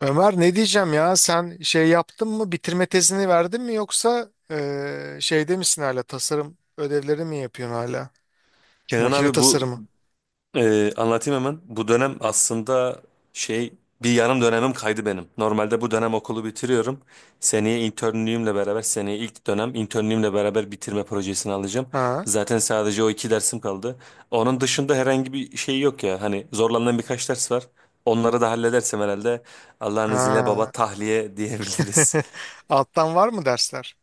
Ömer, ne diyeceğim ya, sen şey yaptın mı, bitirme tezini verdin mi, yoksa şeyde misin hala, tasarım ödevleri mi yapıyorsun hala? Kenan Makine abi bu tasarımı. Anlatayım hemen. Bu dönem aslında şey bir yarım dönemim kaydı benim. Normalde bu dönem okulu bitiriyorum. Seneye ilk dönem internliğimle beraber bitirme projesini alacağım. Ha? Zaten sadece o iki dersim kaldı. Onun dışında herhangi bir şey yok ya. Hani zorlandığım birkaç ders var. Onları da halledersem herhalde Allah'ın izniyle baba Ha. tahliye diyebiliriz. Alttan var mı dersler?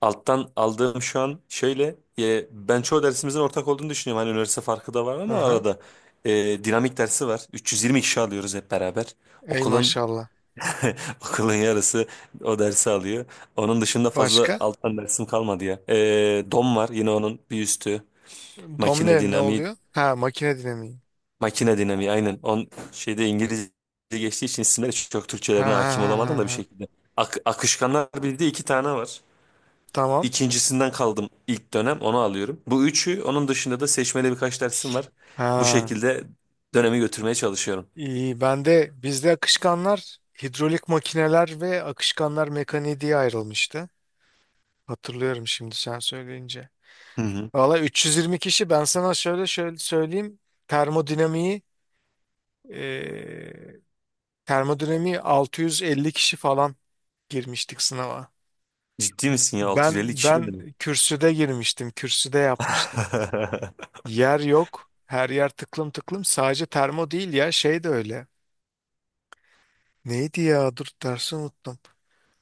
Alttan aldığım şu an şöyle ben çoğu dersimizin ortak olduğunu düşünüyorum. Hani üniversite farkı da var ama Aha. arada dinamik dersi var. 320 kişi alıyoruz hep beraber. Ey Okulun maşallah. okulun yarısı o dersi alıyor. Onun dışında fazla Başka? alttan dersim kalmadı ya. Dom var yine onun bir üstü. Makine Domine ne dinamiği, oluyor? Ha, makine dinamiği. makine dinamiği, aynen. On şeyde İngilizce geçtiği için isimleri çok Ha Türkçelerine ha hakim ha olamadım da bir ha. Ha. şekilde. Akışkanlar bildiği iki tane var. Tamam. İkincisinden kaldım, ilk dönem onu alıyorum. Bu üçü, onun dışında da seçmeli birkaç dersim var. Bu Ha. şekilde dönemi götürmeye çalışıyorum. İyi, ben de bizde akışkanlar, hidrolik makineler ve akışkanlar mekaniği diye ayrılmıştı. Hatırlıyorum şimdi sen söyleyince. Hı hı. Valla 320 kişi, ben sana şöyle şöyle söyleyeyim. Termodinamiği eee termodinamiği 650 kişi falan girmiştik sınava. Ciddi misin ya, 650 Ben kişi ne ben demek? kürsüde girmiştim. Kürsüde yapmıştım. Yer yok. Her yer tıklım tıklım. Sadece termo değil ya, şey de öyle. Neydi ya? Dur, dersi unuttum.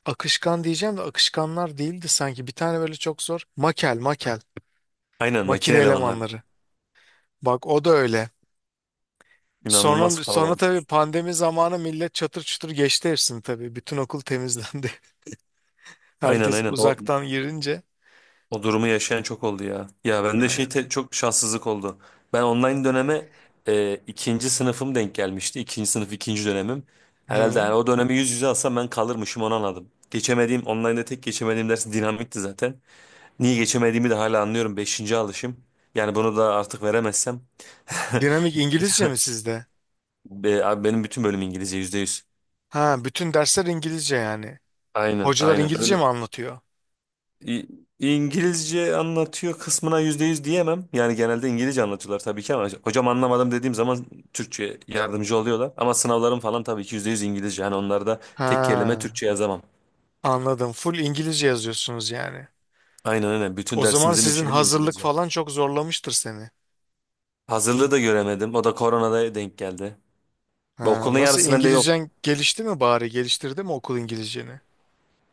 Akışkan diyeceğim de akışkanlar değildi sanki. Bir tane böyle çok zor. Makel, makel. Aynen, Makine makine elemanları. elemanları. Bak, o da öyle. İnanılmaz Sonra kalabalık. tabii pandemi zamanı millet çatır çutur geçti hepsini tabii. Bütün okul temizlendi. Aynen, Herkes aynen, o, uzaktan girince. o durumu yaşayan çok oldu ya. Ya bende şey, Aynen. Çok şanssızlık oldu. Ben online döneme ikinci sınıfım denk gelmişti. İkinci sınıf ikinci dönemim. Herhalde Hı. yani o dönemi yüz yüze alsam ben kalırmışım, onu anladım. Geçemediğim online'da tek geçemediğim ders dinamikti zaten. Niye geçemediğimi de hala anlıyorum. Beşinci alışım. Yani bunu da artık veremezsem. Dinamik İngilizce mi sizde? Abi benim bütün bölüm İngilizce, yüzde yüz. Ha, bütün dersler İngilizce yani. Aynen, Hocalar aynen. İngilizce mi Öyle. anlatıyor? İ- İngilizce anlatıyor kısmına yüzde yüz diyemem. Yani genelde İngilizce anlatıyorlar tabii ki ama hocam, anlamadım dediğim zaman Türkçe yardımcı oluyorlar. Ama sınavlarım falan tabii ki yüzde yüz İngilizce. Yani onlarda tek kelime Ha, Türkçe yazamam. anladım. Full İngilizce yazıyorsunuz yani. Aynen öyle. Bütün O zaman dersimizin sizin içeriği. hazırlık falan çok zorlamıştır seni. Hazırlığı da göremedim. O da koronada denk geldi. Ve Ha, okulun nasıl, yarısı bende yok. İngilizcen gelişti mi bari? Geliştirdi mi okul İngilizceni?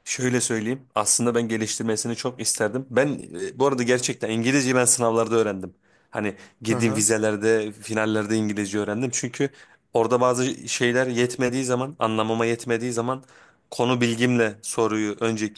Şöyle söyleyeyim. Aslında ben geliştirmesini çok isterdim. Ben bu arada gerçekten İngilizceyi ben sınavlarda öğrendim. Hani Hı girdiğim hı. vizelerde, finallerde İngilizce öğrendim. Çünkü orada bazı şeyler yetmediği zaman, anlamama yetmediği zaman konu bilgimle soruyu önce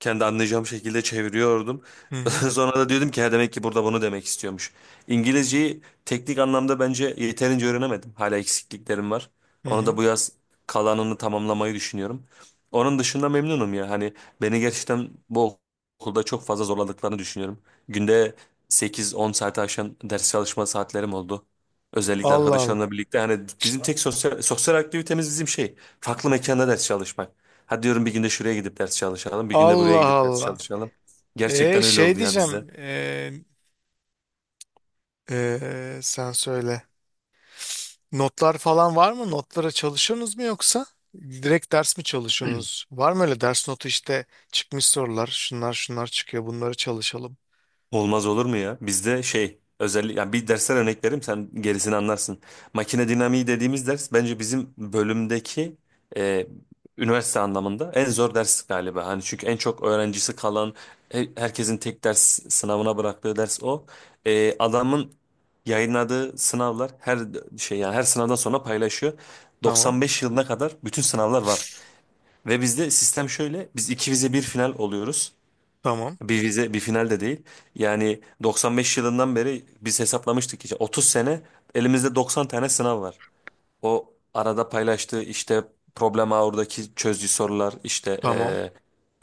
kendi anlayacağım şekilde çeviriyordum. Hı hı. Sonra da diyordum ki "Ha, demek ki burada bunu demek istiyormuş." İngilizceyi teknik anlamda bence yeterince öğrenemedim. Hala eksikliklerim var. Hı Onu da hı. bu yaz kalanını tamamlamayı düşünüyorum. Onun dışında memnunum ya. Hani beni gerçekten bu okulda çok fazla zorladıklarını düşünüyorum. Günde sekiz on saate aşan ders çalışma saatlerim oldu. Özellikle Allah Allah. arkadaşlarımla birlikte hani bizim tek sosyal aktivitemiz bizim şey, farklı mekanda ders çalışmak. Hadi diyorum, bir günde şuraya gidip ders çalışalım, bir günde buraya Allah gidip ders Allah. çalışalım. E Gerçekten öyle şey oldu ya bizde. diyeceğim e, sen söyle. Notlar falan var mı? Notlara çalışıyorsunuz mu yoksa? Direkt ders mi çalışıyorsunuz? Var mı öyle ders notu, işte çıkmış sorular, şunlar şunlar çıkıyor, bunları çalışalım. Olmaz olur mu ya? Bizde şey, özellikle yani bir dersler örnek vereyim, sen gerisini anlarsın. Makine dinamiği dediğimiz ders bence bizim bölümdeki e, üniversite anlamında en zor ders galiba. Hani çünkü en çok öğrencisi kalan, herkesin tek ders sınavına bıraktığı ders o. Adamın yayınladığı sınavlar, her şey yani, her sınavdan sonra paylaşıyor. Tamam 95 yılına kadar bütün sınavlar var. Ve bizde sistem şöyle. Biz iki vize bir final oluyoruz. tamam Bir vize, bir final de değil. Yani 95 yılından beri biz hesaplamıştık, işte 30 sene, elimizde 90 tane sınav var. O arada paylaştığı işte problem ağırdaki çözdüğü sorular, işte tamam.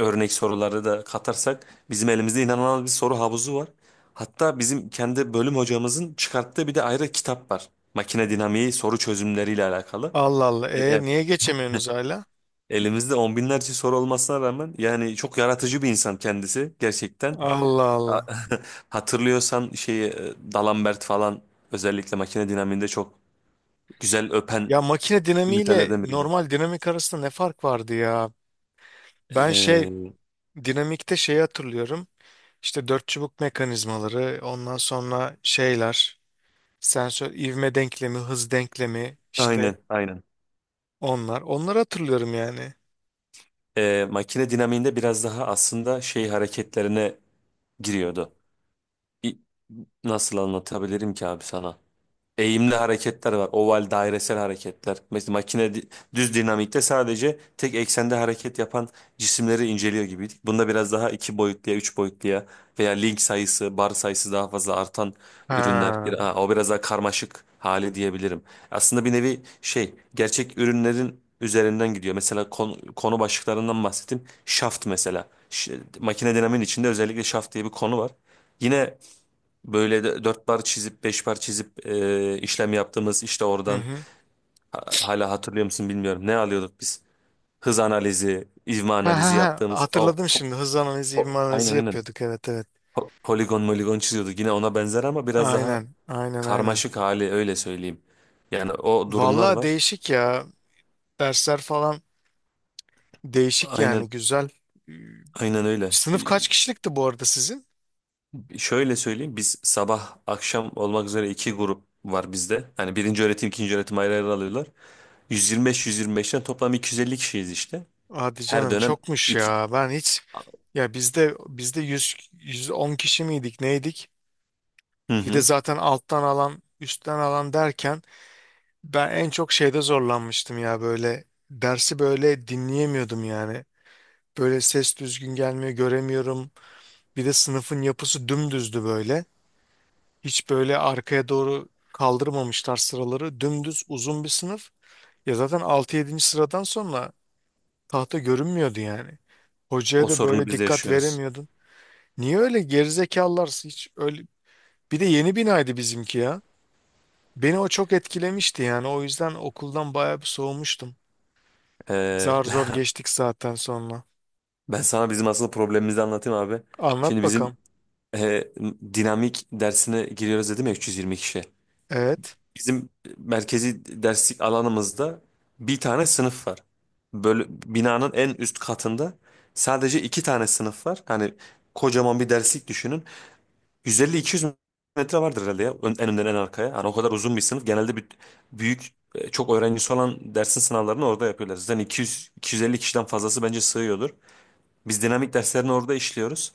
örnek soruları da katarsak bizim elimizde inanılmaz bir soru havuzu var. Hatta bizim kendi bölüm hocamızın çıkarttığı bir de ayrı kitap var. Makine dinamiği soru çözümleriyle alakalı. Allah Allah. E- E e- niye geçemiyorsunuz hala? Elimizde on binlerce soru olmasına rağmen yani, çok yaratıcı bir insan kendisi gerçekten. Allah A- Allah. Hatırlıyorsan şeyi, D'Alembert falan özellikle makine dinamiğinde çok güzel öpen Ya, makine dinamiğiyle ünitelerden biriydi. normal dinamik arasında ne fark vardı ya? Ben şey Ee, Dinamikte şeyi hatırlıyorum. İşte dört çubuk mekanizmaları, ondan sonra şeyler, sensör ivme denklemi, hız denklemi, işte aynen, aynen. onlar. Onları hatırlıyorum yani. Makine dinamiğinde biraz daha aslında şey hareketlerine giriyordu. İ- Nasıl anlatabilirim ki abi sana? Eğimli hareketler var. Oval, dairesel hareketler. Mesela düz dinamikte sadece tek eksende hareket yapan cisimleri inceliyor gibiydik. Bunda biraz daha iki boyutluya, üç boyutluya veya link sayısı, bar sayısı daha fazla artan ürünler. Ha. Ha, o biraz daha karmaşık hali diyebilirim. Aslında bir nevi şey, gerçek ürünlerin üzerinden gidiyor. Mesela konu başlıklarından bahsettim. Şaft mesela. Makine dinamiğin içinde özellikle şaft diye bir konu var. Yine böyle de dört bar çizip beş bar çizip işlem yaptığımız işte, Hı oradan hı. hala hatırlıyor musun bilmiyorum. Ne alıyorduk biz? Hız analizi, ivme Ha ha analizi ha. yaptığımız o Hatırladım şimdi. Hız analizi, ivme analizi aynen, aynen, yapıyorduk. Evet, evet. Poligon moligon çiziyorduk. Yine ona benzer ama biraz daha Aynen. Aynen. karmaşık hali, öyle söyleyeyim. Yani o durumlar Vallahi var. değişik ya. Dersler falan değişik yani. Aynen, Güzel. aynen öyle. Sınıf kaç kişilikti bu arada sizin? Şöyle söyleyeyim, biz sabah akşam olmak üzere iki grup var bizde. Yani birinci öğretim, ikinci öğretim ayrı ayrı alıyorlar. Yüz yirmi beş, 125'ten toplam 250 kişiyiz işte. Hadi Her canım, dönem çokmuş iki... ya. Ben hiç Ya bizde bizde 100 110 kişi miydik, neydik? Hı Bir de hı. zaten alttan alan, üstten alan derken ben en çok şeyde zorlanmıştım ya, böyle dersi böyle dinleyemiyordum yani. Böyle ses düzgün gelmiyor, göremiyorum. Bir de sınıfın yapısı dümdüzdü böyle. Hiç böyle arkaya doğru kaldırmamışlar sıraları. Dümdüz uzun bir sınıf. Ya zaten altı yedinci sıradan sonra tahta görünmüyordu yani. Hocaya O da sorunu böyle biz de dikkat yaşıyoruz. veremiyordun. Niye öyle gerizekalılar, hiç öyle. Bir de yeni binaydı bizimki ya. Beni o çok etkilemişti yani. O yüzden okuldan bayağı bir soğumuştum. Ee, Zar zor geçtik zaten sonra. Ben sana bizim aslında problemimizi anlatayım abi. Şimdi Anlat bizim bakalım. e, dinamik dersine giriyoruz dedim ya, 320 kişi. Evet. Bizim merkezi derslik alanımızda bir tane sınıf var. Böyle binanın en üst katında sadece iki tane sınıf var. Hani kocaman bir derslik düşünün. 150-200 metre vardır herhalde ya. En önden en arkaya. Yani o kadar uzun bir sınıf. Genelde, bir, büyük çok öğrencisi olan dersin sınavlarını orada yapıyorlar. Zaten 200-250 kişiden fazlası bence sığıyordur. Biz dinamik derslerini orada işliyoruz.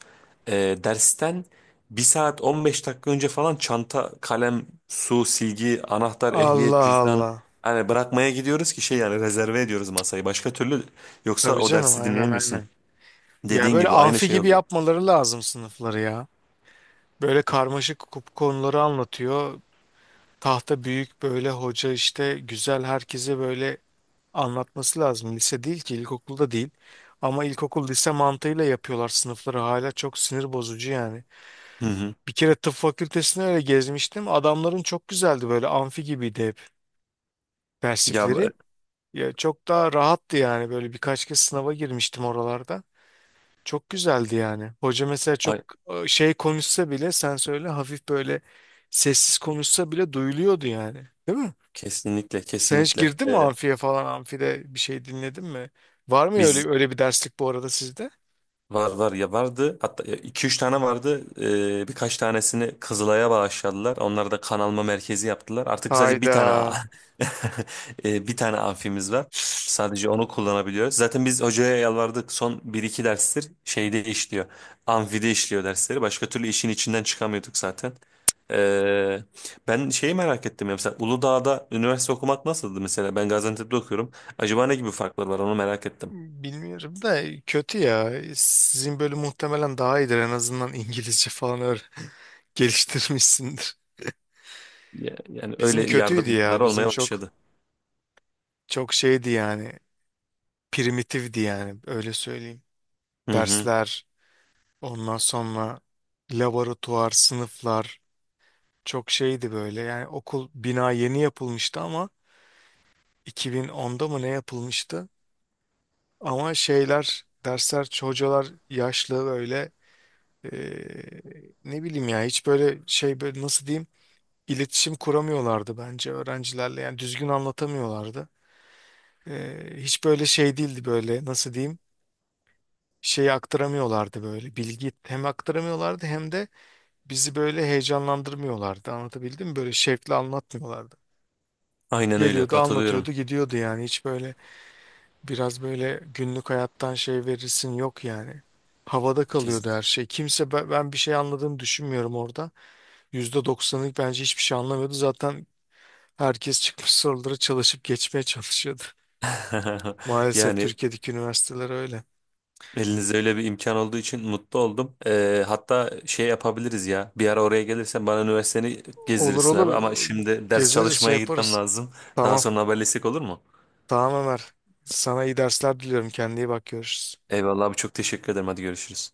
Dersten bir saat 15 dakika önce falan çanta, kalem, su, silgi, anahtar, ehliyet, Allah cüzdan, Allah. hani bırakmaya gidiyoruz ki şey, yani rezerve ediyoruz masayı. Başka türlü, yoksa Tabii o canım, dersi aynen dinleyemiyorsun. aynen. Ya Dediğin böyle gibi aynı amfi şey gibi oluyor. yapmaları lazım sınıfları ya. Böyle karmaşık konuları anlatıyor. Tahta büyük, böyle hoca işte güzel, herkese böyle anlatması lazım. Lise değil ki, ilkokulda değil. Ama ilkokul, lise mantığıyla yapıyorlar sınıfları hala, çok sinir bozucu yani. Hı hı. Bir kere tıp fakültesine öyle gezmiştim. Adamların çok güzeldi, böyle amfi gibiydi hep Ya e, derslikleri. Ya çok daha rahattı yani, böyle birkaç kez sınava girmiştim oralarda. Çok güzeldi yani. Hoca mesela çok ay- şey konuşsa bile, sen söyle, hafif böyle sessiz konuşsa bile duyuluyordu yani. Değil mi? Kesinlikle, Sen hiç kesinlikle. girdin mi amfiye falan, amfide bir şey dinledin mi? Var mı Biz öyle öyle bir derslik bu arada sizde? Var var ya, vardı, hatta 2-3 tane vardı. Birkaç tanesini Kızılay'a bağışladılar, onları da kan alma merkezi yaptılar, artık sadece bir tane a- Hayda. Bir tane amfimiz var, sadece onu kullanabiliyoruz. Zaten biz hocaya yalvardık, son bir iki derstir şeyde işliyor, amfide işliyor dersleri, başka türlü işin içinden çıkamıyorduk zaten. Ee, Ben şeyi merak ettim ya, mesela Uludağ'da üniversite okumak nasıldı? Mesela ben Gaziantep'te okuyorum, acaba ne gibi farklar var, onu merak ettim. Bilmiyorum da, kötü ya. Sizin bölüm muhtemelen daha iyidir. En azından İngilizce falan öyle geliştirmişsindir. Yani Bizim öyle kötüydü yardımcılar ya. Bizim olmaya çok başladı. çok şeydi yani. Primitifti yani. Öyle söyleyeyim. Hı hı. Dersler, ondan sonra laboratuvar, sınıflar çok şeydi böyle. Yani okul bina yeni yapılmıştı ama 2010'da mı ne yapılmıştı? Ama şeyler, dersler, hocalar yaşlı böyle. Eee, ne bileyim ya, hiç böyle şey, böyle nasıl diyeyim, iletişim kuramıyorlardı bence öğrencilerle, yani düzgün anlatamıyorlardı. Hiç böyle şey değildi, böyle nasıl diyeyim, şeyi aktaramıyorlardı, böyle bilgi hem aktaramıyorlardı, hem de bizi böyle heyecanlandırmıyorlardı, anlatabildim mi, böyle şevkle anlatmıyorlardı. Aynen öyle, Geliyordu, katılıyorum. anlatıyordu, gidiyordu yani, hiç böyle biraz böyle günlük hayattan şey verirsin, yok yani. Havada Kesin. kalıyordu her şey. Kimse ben ben bir şey anladığını düşünmüyorum orada. %90'lık bence hiçbir şey anlamıyordu. Zaten herkes çıkmış soruları çalışıp geçmeye çalışıyordu. Maalesef Yani Türkiye'deki üniversiteler öyle. elinizde öyle bir imkan olduğu için mutlu oldum. Hatta şey yapabiliriz ya. Bir ara oraya gelirsen bana üniversiteni Olur gezdirirsin abi. Ama olur şimdi ders gezeriz, şey çalışmaya gitmem yaparız. lazım. Daha Tamam. sonra haberleşsek olur mu? Tamam Ömer. Sana iyi dersler diliyorum. Kendine iyi bak, görüşürüz. Eyvallah abi, çok teşekkür ederim. Hadi görüşürüz.